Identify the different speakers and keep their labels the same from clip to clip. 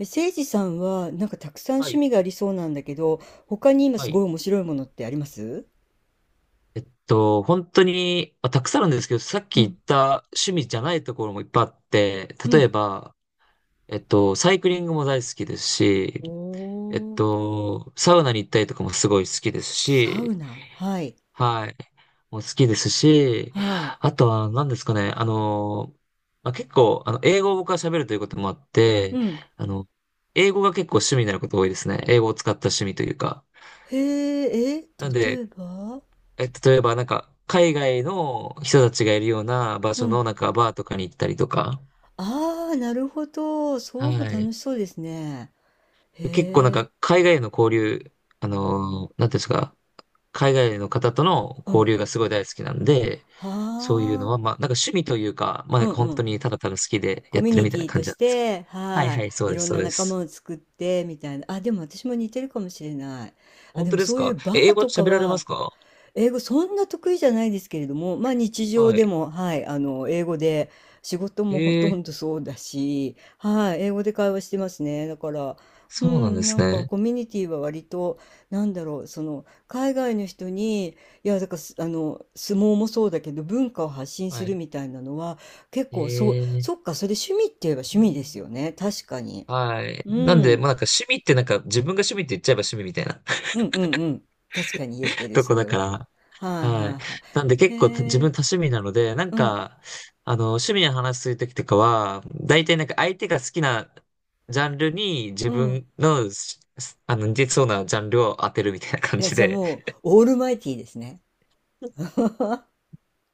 Speaker 1: いじさんは、なんかたくさん
Speaker 2: は
Speaker 1: 趣
Speaker 2: い。
Speaker 1: 味がありそうなんだけど、他に今
Speaker 2: は
Speaker 1: すご
Speaker 2: い。
Speaker 1: い面白いものってあります？
Speaker 2: 本当に、まあ、たくさんあるんですけど、さっ
Speaker 1: う
Speaker 2: き言っ
Speaker 1: ん、
Speaker 2: た趣味じゃないところもいっぱいあって、
Speaker 1: う
Speaker 2: 例え
Speaker 1: ん。
Speaker 2: ば、サイクリングも大好きですし、
Speaker 1: おー、
Speaker 2: サウナに行ったりとかもすごい好きです
Speaker 1: サウ
Speaker 2: し、
Speaker 1: ナ。はい、
Speaker 2: はい。もう好きですし、
Speaker 1: はい。
Speaker 2: あとは何ですかね、まあ、結構、英語を僕は喋るということもあっ
Speaker 1: う
Speaker 2: て、
Speaker 1: ん。
Speaker 2: あの、英語が結構趣味になること多いですね。英語を使った趣味というか。
Speaker 1: へえ、え、
Speaker 2: なん
Speaker 1: 例
Speaker 2: で、
Speaker 1: えば？
Speaker 2: 例えば、なんか、海外の人たちがいるような場
Speaker 1: う
Speaker 2: 所
Speaker 1: ん。
Speaker 2: の、なんか、バーとかに行ったりとか、
Speaker 1: ああ、なるほど。そうも
Speaker 2: はい。
Speaker 1: 楽しそうですね。へ
Speaker 2: 結構、なん
Speaker 1: え、
Speaker 2: か、海外の交流、なんていうんですか、海外の方との
Speaker 1: う
Speaker 2: 交
Speaker 1: ん。
Speaker 2: 流がすごい大好きなんで、そういうの
Speaker 1: はあ、
Speaker 2: は、まあ、なんか趣味というか、まあ、
Speaker 1: う
Speaker 2: なん
Speaker 1: ん
Speaker 2: か本
Speaker 1: う
Speaker 2: 当
Speaker 1: ん。
Speaker 2: にただただ好きで
Speaker 1: コ
Speaker 2: やっ
Speaker 1: ミュ
Speaker 2: てる
Speaker 1: ニ
Speaker 2: みた
Speaker 1: テ
Speaker 2: いな
Speaker 1: ィと
Speaker 2: 感じ
Speaker 1: し
Speaker 2: なんですけど。
Speaker 1: て、
Speaker 2: はい
Speaker 1: は
Speaker 2: はい、そう
Speaker 1: い。い
Speaker 2: で
Speaker 1: ろ
Speaker 2: す、
Speaker 1: ん
Speaker 2: そう
Speaker 1: な
Speaker 2: で
Speaker 1: 仲間
Speaker 2: す。
Speaker 1: を作って、みたいな。あ、でも私も似てるかもしれない。あ、
Speaker 2: 本
Speaker 1: で
Speaker 2: 当
Speaker 1: も
Speaker 2: です
Speaker 1: そういう
Speaker 2: か？
Speaker 1: バ
Speaker 2: え、英
Speaker 1: ー
Speaker 2: 語
Speaker 1: とか
Speaker 2: 喋られま
Speaker 1: は、
Speaker 2: すか？
Speaker 1: 英語そんな得意じゃないですけれども、まあ日常
Speaker 2: は
Speaker 1: で
Speaker 2: い。
Speaker 1: も、はい、あの、英語で、仕事
Speaker 2: え
Speaker 1: もほと
Speaker 2: ー、
Speaker 1: んどそうだし、はい、英語で会話してますね。だから、う
Speaker 2: そうなんで
Speaker 1: ん、な
Speaker 2: す
Speaker 1: んか
Speaker 2: ね。
Speaker 1: コミュニティは割と、なんだろう、その、海外の人に、いや、だからす、あの、相撲もそうだけど、文化を発信す
Speaker 2: は
Speaker 1: る
Speaker 2: い。
Speaker 1: みたいなのは、結構、そう、
Speaker 2: えー
Speaker 1: そっか、それ趣味って言えば趣味ですよね。確かに。
Speaker 2: はい。
Speaker 1: うん、
Speaker 2: なん
Speaker 1: う
Speaker 2: で、ま
Speaker 1: ん
Speaker 2: あなんか趣味ってなんか自分が趣味って言っちゃえば趣味みたいな
Speaker 1: うんうん。確かに言えて る、
Speaker 2: とこ
Speaker 1: それ
Speaker 2: だか
Speaker 1: は。
Speaker 2: ら。
Speaker 1: はい
Speaker 2: は
Speaker 1: は
Speaker 2: い。
Speaker 1: いは
Speaker 2: なんで
Speaker 1: い。
Speaker 2: 結構自
Speaker 1: へえ、
Speaker 2: 分多趣味なので、なん
Speaker 1: うん
Speaker 2: か、趣味の話するときとかは、大体なんか相手が好きなジャンルに自
Speaker 1: うん。
Speaker 2: 分のし、あの、似てそうなジャンルを当てるみたいな感
Speaker 1: え、
Speaker 2: じ
Speaker 1: じゃあ
Speaker 2: で、
Speaker 1: もう、オールマイティーですね。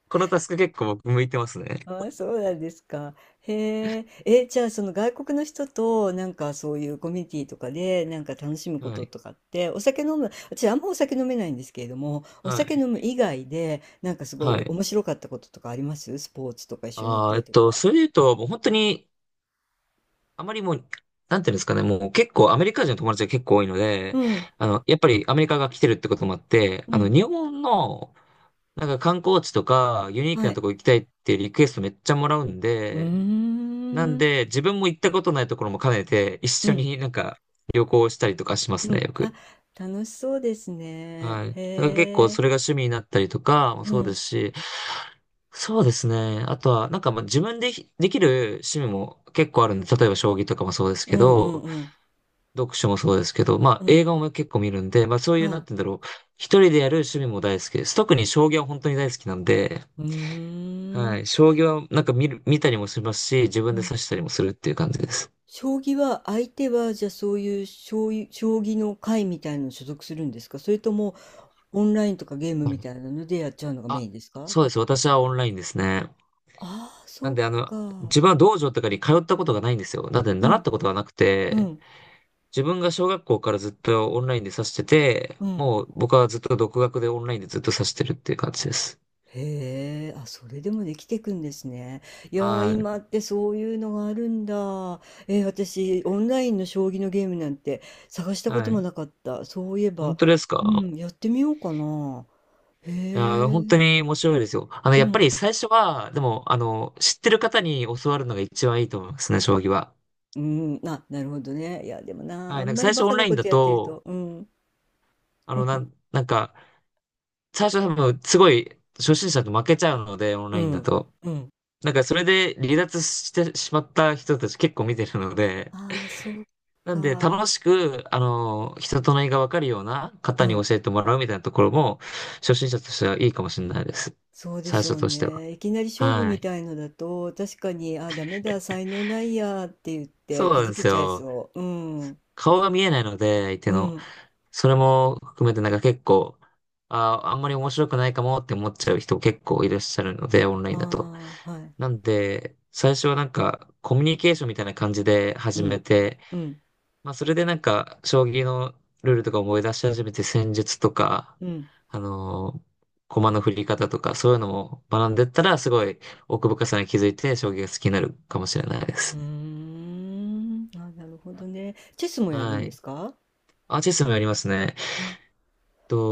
Speaker 2: このタスク結構僕向いてますね。
Speaker 1: あ、そうなんですか。へえ。え、じゃあその外国の人となんかそういうコミュニティとかでなんか楽しむこ
Speaker 2: は
Speaker 1: と
Speaker 2: い。
Speaker 1: とかって、お酒飲む、私あんまお酒飲めないんですけれども、お
Speaker 2: は
Speaker 1: 酒
Speaker 2: い。
Speaker 1: 飲む以外でなんかす
Speaker 2: は
Speaker 1: ごい
Speaker 2: い。
Speaker 1: 面白かったこととかあります？スポーツとか一緒に行ったりとか。
Speaker 2: それで言うと、もう本当にあまりもう、なんていうんですかね、もう結構アメリカ人の友達が結構多いの
Speaker 1: う
Speaker 2: で、
Speaker 1: ん、
Speaker 2: やっぱりアメリカが来てるってこともあって、
Speaker 1: うん、
Speaker 2: 日本の、なんか観光地とか、ユニー
Speaker 1: は
Speaker 2: クなと
Speaker 1: い。
Speaker 2: こ行きたいってリクエストめっちゃもらうん
Speaker 1: うー
Speaker 2: で、なん
Speaker 1: ん、
Speaker 2: で、自分も行ったことないところも兼ねて、一
Speaker 1: う
Speaker 2: 緒
Speaker 1: ん、
Speaker 2: になんか旅行したりとかします
Speaker 1: う
Speaker 2: ね、よ
Speaker 1: ん。あ、
Speaker 2: く。
Speaker 1: 楽しそうですね。
Speaker 2: はい。だから結構
Speaker 1: へ
Speaker 2: それが
Speaker 1: え。
Speaker 2: 趣味になったりとかも
Speaker 1: う
Speaker 2: そうで
Speaker 1: ん、
Speaker 2: すし、そうですね。あとは、なんかまあ自分でできる趣味も結構あるんで、例えば将棋とかもそうです
Speaker 1: う
Speaker 2: け
Speaker 1: ん、うん、
Speaker 2: ど、
Speaker 1: うん、
Speaker 2: 読書もそうですけど、まあ
Speaker 1: う
Speaker 2: 映
Speaker 1: ん。
Speaker 2: 画も結構見るんで、まあそういう、なん
Speaker 1: は
Speaker 2: て言うんだろう。一人でやる趣味も大好きです。特に将棋は本当に大好きなんで、
Speaker 1: い。うー
Speaker 2: は
Speaker 1: ん。
Speaker 2: い。将棋はなんか見たりもしますし、自分
Speaker 1: う
Speaker 2: で
Speaker 1: ん。
Speaker 2: 指したりもするっていう感じです。
Speaker 1: 将棋は、相手は、じゃ、あそういう、将棋の会みたいなの所属するんですか？それとも、オンラインとかゲーム
Speaker 2: は
Speaker 1: み
Speaker 2: い。
Speaker 1: たいなのでやっちゃうのがメ
Speaker 2: あ、
Speaker 1: インですか？
Speaker 2: そうです。私はオンラインですね。
Speaker 1: ああー、
Speaker 2: な
Speaker 1: そ
Speaker 2: ん
Speaker 1: っ
Speaker 2: で
Speaker 1: か。
Speaker 2: 自分は道場とかに通ったことがないんですよ。なんで
Speaker 1: う
Speaker 2: 習っ
Speaker 1: ん、
Speaker 2: たことがなく
Speaker 1: う
Speaker 2: て、
Speaker 1: ん、
Speaker 2: 自分が小学校からずっとオンラインで指してて、
Speaker 1: うん。
Speaker 2: もう僕はずっと独学でオンラインでずっと指してるっていう感じです。
Speaker 1: へえ、あ、それでもできてくんですね。いやー、
Speaker 2: はい。
Speaker 1: 今ってそういうのがあるんだ。え、私、オンラインの将棋のゲームなんて探したこ
Speaker 2: は
Speaker 1: とも
Speaker 2: い。
Speaker 1: なかった。そういえ
Speaker 2: 本
Speaker 1: ば、
Speaker 2: 当です
Speaker 1: う
Speaker 2: か？
Speaker 1: ん、やってみようかな。へ
Speaker 2: いやー、本
Speaker 1: え。
Speaker 2: 当に面白いですよ。
Speaker 1: う
Speaker 2: やっぱ
Speaker 1: ん。
Speaker 2: り最初は、でも、知ってる方に教わるのが一番いいと思いますね、将棋は。
Speaker 1: うーん、あ、なるほどね。いや、でもな、
Speaker 2: は
Speaker 1: あ
Speaker 2: い、な
Speaker 1: ん
Speaker 2: んか
Speaker 1: ま
Speaker 2: 最
Speaker 1: り
Speaker 2: 初
Speaker 1: バ
Speaker 2: オ
Speaker 1: カ
Speaker 2: ン
Speaker 1: な
Speaker 2: ライン
Speaker 1: こ
Speaker 2: だ
Speaker 1: とやってる
Speaker 2: と、
Speaker 1: と、うん、
Speaker 2: なんか、最初多分、すごい、初心者と負けちゃうので、オン
Speaker 1: う
Speaker 2: ラインだ
Speaker 1: ん、
Speaker 2: と。
Speaker 1: うん。
Speaker 2: なんか、それで離脱してしまった人たち結構見てるので、
Speaker 1: ああ、そう
Speaker 2: なんで、楽
Speaker 1: か。
Speaker 2: しく、人となりがわかるような
Speaker 1: う
Speaker 2: 方に
Speaker 1: ん、
Speaker 2: 教えてもらうみたいなところも、初心者としてはいいかもしれないです。
Speaker 1: そうで
Speaker 2: 最
Speaker 1: しょ
Speaker 2: 初
Speaker 1: う
Speaker 2: としては。
Speaker 1: ね。いきなり勝負
Speaker 2: は
Speaker 1: み
Speaker 2: い。
Speaker 1: たいのだと、確かに、ああ、ダメだ、才能ないやって言って、
Speaker 2: そう
Speaker 1: く
Speaker 2: なん
Speaker 1: じ
Speaker 2: で
Speaker 1: け
Speaker 2: す
Speaker 1: ちゃい
Speaker 2: よ。
Speaker 1: そう。うん、
Speaker 2: 顔が見えないので、相手
Speaker 1: う
Speaker 2: の。
Speaker 1: ん。
Speaker 2: それも含めてなんか結構、あんまり面白くないかもって思っちゃう人結構いらっしゃるので、オンラインだと。
Speaker 1: ああ、はい。
Speaker 2: なんで、最初はなんかコミュニケーションみたいな感じで
Speaker 1: う
Speaker 2: 始め
Speaker 1: ん、
Speaker 2: て、
Speaker 1: うん、
Speaker 2: まあそれでなんか将棋のルールとか思い出し始めて戦術とか、
Speaker 1: うん。
Speaker 2: あのー駒の振り方とかそういうのも学んでったらすごい奥深さに気づいて将棋が好きになるかもしれないで
Speaker 1: うー
Speaker 2: す。
Speaker 1: ん。あ、なるほどね。チェスもやる
Speaker 2: は
Speaker 1: んで
Speaker 2: い。
Speaker 1: すか？
Speaker 2: あ、チェスもやりますね。
Speaker 1: あ、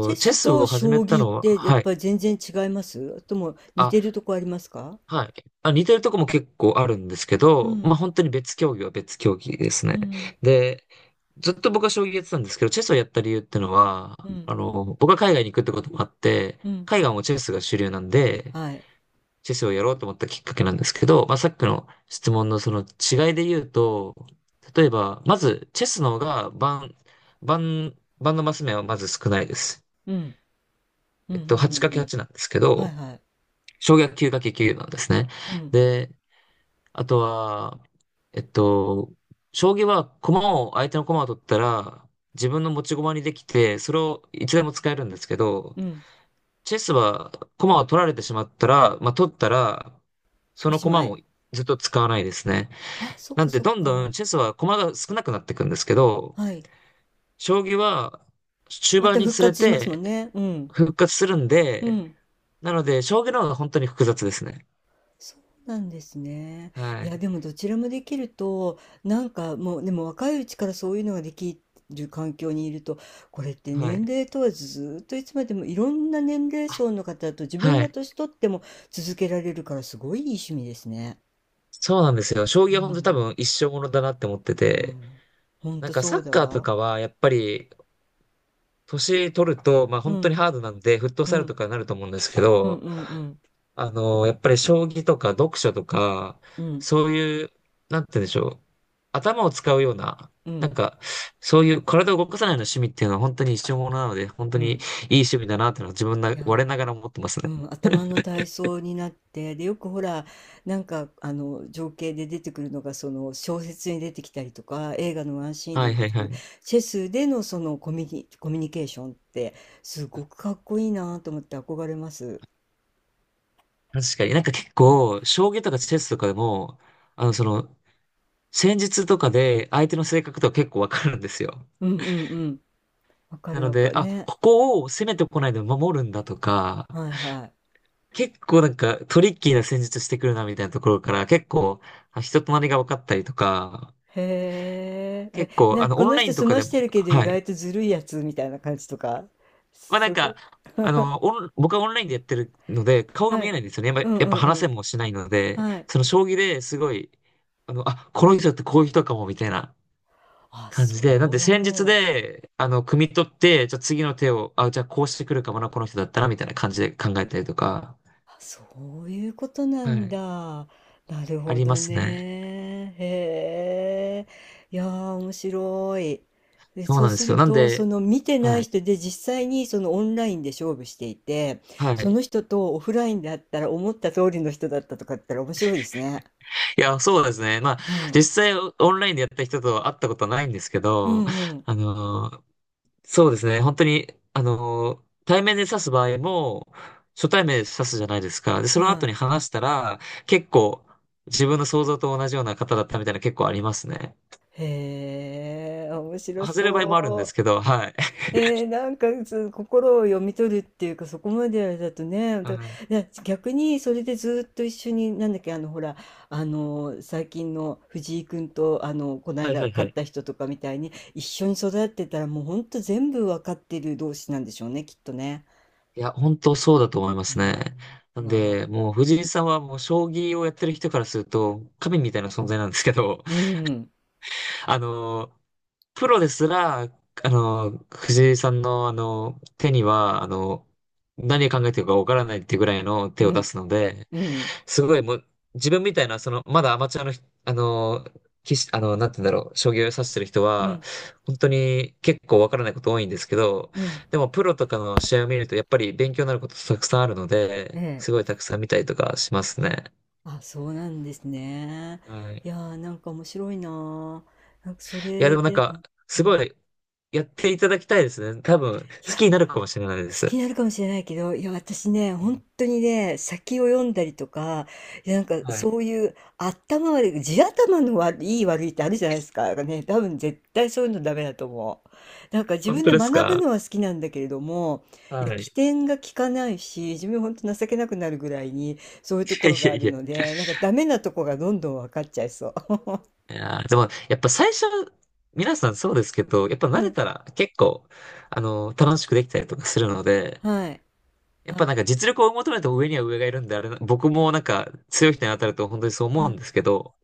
Speaker 1: チェ
Speaker 2: チェ
Speaker 1: ス
Speaker 2: ス
Speaker 1: と
Speaker 2: を始
Speaker 1: 将
Speaker 2: めた
Speaker 1: 棋っ
Speaker 2: のは、
Speaker 1: てやっ
Speaker 2: はい。
Speaker 1: ぱり全然違いますとも似て
Speaker 2: あ、
Speaker 1: るとこありますか？
Speaker 2: はい。あ、似てるとこも結構あるんですけ
Speaker 1: う
Speaker 2: ど、ま
Speaker 1: ん、
Speaker 2: あ本当に別競技は別競技です
Speaker 1: う
Speaker 2: ね。
Speaker 1: ん、
Speaker 2: で、ずっと僕は将棋やってたんですけど、チェスをやった理由っての
Speaker 1: う
Speaker 2: は、
Speaker 1: ん、
Speaker 2: 僕は海外に行くってこともあって、
Speaker 1: うん、
Speaker 2: 海外もチェスが主流なんで、
Speaker 1: はい。
Speaker 2: チェスをやろうと思ったきっかけなんですけど、まあさっき
Speaker 1: うん、
Speaker 2: の質問のその違いで言うと、例えば、まず、チェスの方が盤のマス目はまず少ないです。
Speaker 1: うん、うん、うん、うん。
Speaker 2: 8×8 なんですけ
Speaker 1: はい
Speaker 2: ど、
Speaker 1: はい。
Speaker 2: 小学 9×9 なんですね。
Speaker 1: うん、
Speaker 2: で、あとは、えっと、将棋は相手の駒を取ったら、自分の持ち駒にできて、それをいつでも使えるんですけど、
Speaker 1: うん。
Speaker 2: チェスは駒を取られてしまったら、取ったら、そ
Speaker 1: お
Speaker 2: の
Speaker 1: し
Speaker 2: 駒
Speaker 1: まい。
Speaker 2: もずっと使わないですね。
Speaker 1: あ、そっ
Speaker 2: な
Speaker 1: か
Speaker 2: んで、
Speaker 1: そっ
Speaker 2: どんどん
Speaker 1: か。
Speaker 2: チェスは駒が少なくなっていくんですけど、
Speaker 1: はい。
Speaker 2: 将棋は終
Speaker 1: ま
Speaker 2: 盤
Speaker 1: た
Speaker 2: に
Speaker 1: 復
Speaker 2: つれ
Speaker 1: 活しますも
Speaker 2: て
Speaker 1: んね。うん、
Speaker 2: 復活するん
Speaker 1: う
Speaker 2: で、
Speaker 1: ん。
Speaker 2: なので、将棋の方が本当に複雑ですね。
Speaker 1: そうなんですね。
Speaker 2: は
Speaker 1: いや、
Speaker 2: い。
Speaker 1: でもどちらもできると、なんかもう、でも若いうちからそういうのができる環境にいると、これって
Speaker 2: は
Speaker 1: 年
Speaker 2: い。
Speaker 1: 齢問わずずっといつまでもいろんな年齢層の方と自分
Speaker 2: は
Speaker 1: が
Speaker 2: い。
Speaker 1: 年取っても続けられるからすごいいい趣味ですね。
Speaker 2: そうなんですよ。将
Speaker 1: う
Speaker 2: 棋は本当に多
Speaker 1: ん、
Speaker 2: 分一生ものだなって思って
Speaker 1: う
Speaker 2: て、
Speaker 1: ん。ほん
Speaker 2: なん
Speaker 1: と
Speaker 2: か
Speaker 1: そ
Speaker 2: サ
Speaker 1: う
Speaker 2: ッ
Speaker 1: だ
Speaker 2: カーと
Speaker 1: わ。
Speaker 2: かはやっぱり年取ると、まあ
Speaker 1: う
Speaker 2: 本当に
Speaker 1: ん、
Speaker 2: ハードなんで、フット
Speaker 1: う
Speaker 2: サル
Speaker 1: ん、
Speaker 2: とかになると思うんですけ
Speaker 1: うん、
Speaker 2: ど、
Speaker 1: うん、うん、
Speaker 2: やっぱり将棋とか読書とか、
Speaker 1: うん、
Speaker 2: そういう、なんて言うんでしょう。頭を使うような、
Speaker 1: う
Speaker 2: な
Speaker 1: ん、
Speaker 2: んか、そういう体を動かさないような趣味っていうのは本当に一生ものなので、本当
Speaker 1: う
Speaker 2: にいい
Speaker 1: ん。
Speaker 2: 趣味だなっていうのは自分な、
Speaker 1: いやー。
Speaker 2: 我ながら思ってます
Speaker 1: う
Speaker 2: ね。
Speaker 1: ん、頭の体操になってで、よくほらなんかあの情景で出てくるのがその小説に出てきたりとか映画のワンシーンで
Speaker 2: はい
Speaker 1: 出
Speaker 2: はい
Speaker 1: てく
Speaker 2: は
Speaker 1: る
Speaker 2: い。
Speaker 1: チェスでのそのコミュニケーションって、すごくかっこいいなと思って憧れます。
Speaker 2: 確かになんか結
Speaker 1: うん、
Speaker 2: 構、将棋とかチェスとかでも、あの、その、戦術とかで相手の性格とか結構わかるんですよ。
Speaker 1: うんうんうん、わか
Speaker 2: な
Speaker 1: る
Speaker 2: の
Speaker 1: わか
Speaker 2: で、
Speaker 1: る
Speaker 2: あ、
Speaker 1: ね、
Speaker 2: ここを攻めてこないで守るんだとか、
Speaker 1: はいはい。
Speaker 2: 結構なんかトリッキーな戦術してくるなみたいなところから結構人となりが分かったりとか、
Speaker 1: へえ。
Speaker 2: 結
Speaker 1: え、
Speaker 2: 構
Speaker 1: なんかこ
Speaker 2: オ
Speaker 1: の
Speaker 2: ンライ
Speaker 1: 人
Speaker 2: ンと
Speaker 1: 済
Speaker 2: か
Speaker 1: ま
Speaker 2: で
Speaker 1: し
Speaker 2: も、
Speaker 1: てるけど意
Speaker 2: はい。
Speaker 1: 外とずるいやつみたいな感じとか。
Speaker 2: まあなん
Speaker 1: すごい、
Speaker 2: か、僕はオンラインでやってるので顔が
Speaker 1: は
Speaker 2: 見え
Speaker 1: い、
Speaker 2: ないんですよね。やっ
Speaker 1: う
Speaker 2: ぱ、
Speaker 1: ん
Speaker 2: やっ
Speaker 1: う
Speaker 2: ぱ
Speaker 1: んう
Speaker 2: 話せ
Speaker 1: ん、
Speaker 2: もしないので、
Speaker 1: はい。
Speaker 2: その将棋ですごい、あ、この人ってこういう人かもみたいな。
Speaker 1: あ、
Speaker 2: 感
Speaker 1: そ
Speaker 2: じで、なんで戦術
Speaker 1: う、
Speaker 2: で、汲み取って、じゃあ次の手を、あ、じゃあこうしてくるかもな、この人だったら、みたいな感じで考えたりとか、
Speaker 1: そういうことな
Speaker 2: は
Speaker 1: ん
Speaker 2: い、
Speaker 1: だ。なる
Speaker 2: あ
Speaker 1: ほ
Speaker 2: りま
Speaker 1: ど
Speaker 2: すね。
Speaker 1: ね。へえ。いやー、面白い。で、
Speaker 2: そう
Speaker 1: そ
Speaker 2: な
Speaker 1: う
Speaker 2: んで
Speaker 1: す
Speaker 2: すよ。
Speaker 1: る
Speaker 2: なん
Speaker 1: と、そ
Speaker 2: で、
Speaker 1: の見てな
Speaker 2: は
Speaker 1: い
Speaker 2: い、
Speaker 1: 人で実際にそのオンラインで勝負していて、
Speaker 2: は
Speaker 1: そ
Speaker 2: い。
Speaker 1: の人とオフラインだったら思った通りの人だったとかだったら面白いですね。
Speaker 2: いや、そうですね。まあ、
Speaker 1: うん。
Speaker 2: 実際オンラインでやった人と会ったことはないんですけ
Speaker 1: う
Speaker 2: ど、
Speaker 1: んうん。
Speaker 2: あのー、そうですね。本当に、対面で指す場合も、初対面で指すじゃないですか。で、その
Speaker 1: は
Speaker 2: 後に
Speaker 1: い。
Speaker 2: 話したら、結構、自分の想像と同じような方だったみたいな結構ありますね。
Speaker 1: へえ、面白
Speaker 2: 外れる場合もあるんです
Speaker 1: そ
Speaker 2: け
Speaker 1: う。
Speaker 2: ど、はい。
Speaker 1: えー、なんかそう心を読み取るっていうかそこまでだとね、だ
Speaker 2: はい。
Speaker 1: 逆にそれでずっと一緒になんだっけ、ほら最近の藤井君と、この
Speaker 2: はいは
Speaker 1: 間
Speaker 2: いは
Speaker 1: 勝っ
Speaker 2: い。
Speaker 1: た人とかみたいに一緒に育ってたら、もうほんと全部わかってる同士なんでしょうね、きっとね。
Speaker 2: いや、本当そうだと思いま
Speaker 1: う
Speaker 2: すね。
Speaker 1: ん
Speaker 2: なん
Speaker 1: わあ、
Speaker 2: で、もう藤井さんはもう将棋をやってる人からすると、神みたいな存在なんですけど、
Speaker 1: うん、
Speaker 2: あの、プロですら、藤井さんの手には、何考えてるかわからないっていうぐらいの手
Speaker 1: う
Speaker 2: を出
Speaker 1: ん、
Speaker 2: すので、
Speaker 1: うん、
Speaker 2: すごいもう、自分みたいな、まだアマチュアのひ、あのー、棋士、なんて言うんだろう、将棋を指してる人
Speaker 1: う
Speaker 2: は、
Speaker 1: ん、
Speaker 2: 本当に結構わからないこと多いんですけど、
Speaker 1: うん、
Speaker 2: でもプロとかの試合を見ると、やっぱり勉強になることたくさんあるの
Speaker 1: え
Speaker 2: で、す
Speaker 1: え。
Speaker 2: ごいたくさん見たりとかしますね。
Speaker 1: あ、そうなんですね。
Speaker 2: はい。い
Speaker 1: いやー、なんか面白いなー。なんかそ
Speaker 2: や、
Speaker 1: れ
Speaker 2: でもなん
Speaker 1: で、うん、
Speaker 2: か、す
Speaker 1: うん。
Speaker 2: ごい、やっていただきたいですね。多分、
Speaker 1: い
Speaker 2: 好
Speaker 1: や、
Speaker 2: きになるかもしれないで
Speaker 1: 好き
Speaker 2: す。
Speaker 1: になるかもしれないけど、いや、私ね、本当にね、先を読んだりとか、いや、なんか
Speaker 2: はい。
Speaker 1: そういう頭悪い、地頭の悪い、いい悪いってあるじゃないですか。なんかね、多分絶対そういうのダメだと思う。なんか自
Speaker 2: 本
Speaker 1: 分
Speaker 2: 当
Speaker 1: で
Speaker 2: です
Speaker 1: 学ぶ
Speaker 2: か？
Speaker 1: のは好きなんだけれども、いや、
Speaker 2: はい。
Speaker 1: 起
Speaker 2: い
Speaker 1: 点が利かないし、自分ほんと情けなくなるぐらいに、そういうとこ
Speaker 2: やい
Speaker 1: ろが
Speaker 2: や
Speaker 1: あ
Speaker 2: い
Speaker 1: る
Speaker 2: や。
Speaker 1: ので、なんかダメなとこがどんどん分かっちゃいそう。
Speaker 2: いやーでも、やっぱ最初、皆さんそうですけど、やっぱ慣
Speaker 1: う
Speaker 2: れ
Speaker 1: ん、
Speaker 2: たら結構、楽しくできたりとかするので、
Speaker 1: はい。
Speaker 2: やっぱ
Speaker 1: あ、
Speaker 2: なんか実力を求めても上には上がいるんで、あれな、僕もなんか強い人に当たると本当にそう
Speaker 1: は
Speaker 2: 思うん
Speaker 1: い。
Speaker 2: ですけど、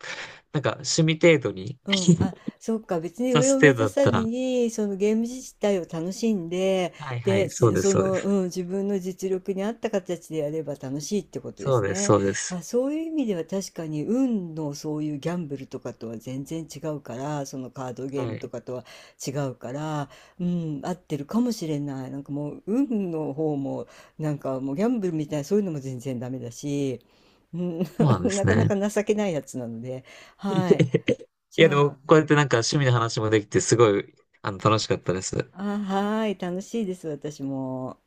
Speaker 2: なんか趣味程度に
Speaker 1: うん、あ、そっか、別に
Speaker 2: さ
Speaker 1: 上
Speaker 2: す
Speaker 1: を目
Speaker 2: 程
Speaker 1: 指
Speaker 2: 度だっ
Speaker 1: さ
Speaker 2: た
Speaker 1: ず
Speaker 2: ら、
Speaker 1: に、そのゲーム自体を楽しんで、
Speaker 2: はいはい、
Speaker 1: で、
Speaker 2: そうです、
Speaker 1: そ
Speaker 2: そうで
Speaker 1: の、
Speaker 2: す。
Speaker 1: うん、自分の実力に合った形でやれば楽しいってことで
Speaker 2: そう
Speaker 1: す
Speaker 2: です、
Speaker 1: ね。
Speaker 2: そうです。
Speaker 1: あ、そういう意味では確かに、運のそういうギャンブルとかとは全然違うから、そのカードゲー
Speaker 2: は
Speaker 1: ムと
Speaker 2: い。
Speaker 1: かとは違うから、うん、合ってるかもしれない。なんかもう、運の方も、なんかもうギャンブルみたいな、そういうのも全然ダメだし、うん、
Speaker 2: そうな んで
Speaker 1: な
Speaker 2: す
Speaker 1: かな
Speaker 2: ね。
Speaker 1: か情けないやつなので、はい。じ
Speaker 2: いや、で
Speaker 1: ゃ
Speaker 2: も、こう
Speaker 1: あ、
Speaker 2: やってなんか趣味の話もできて、すごい、楽しかったです。
Speaker 1: あ、はーい、楽しいです、私も。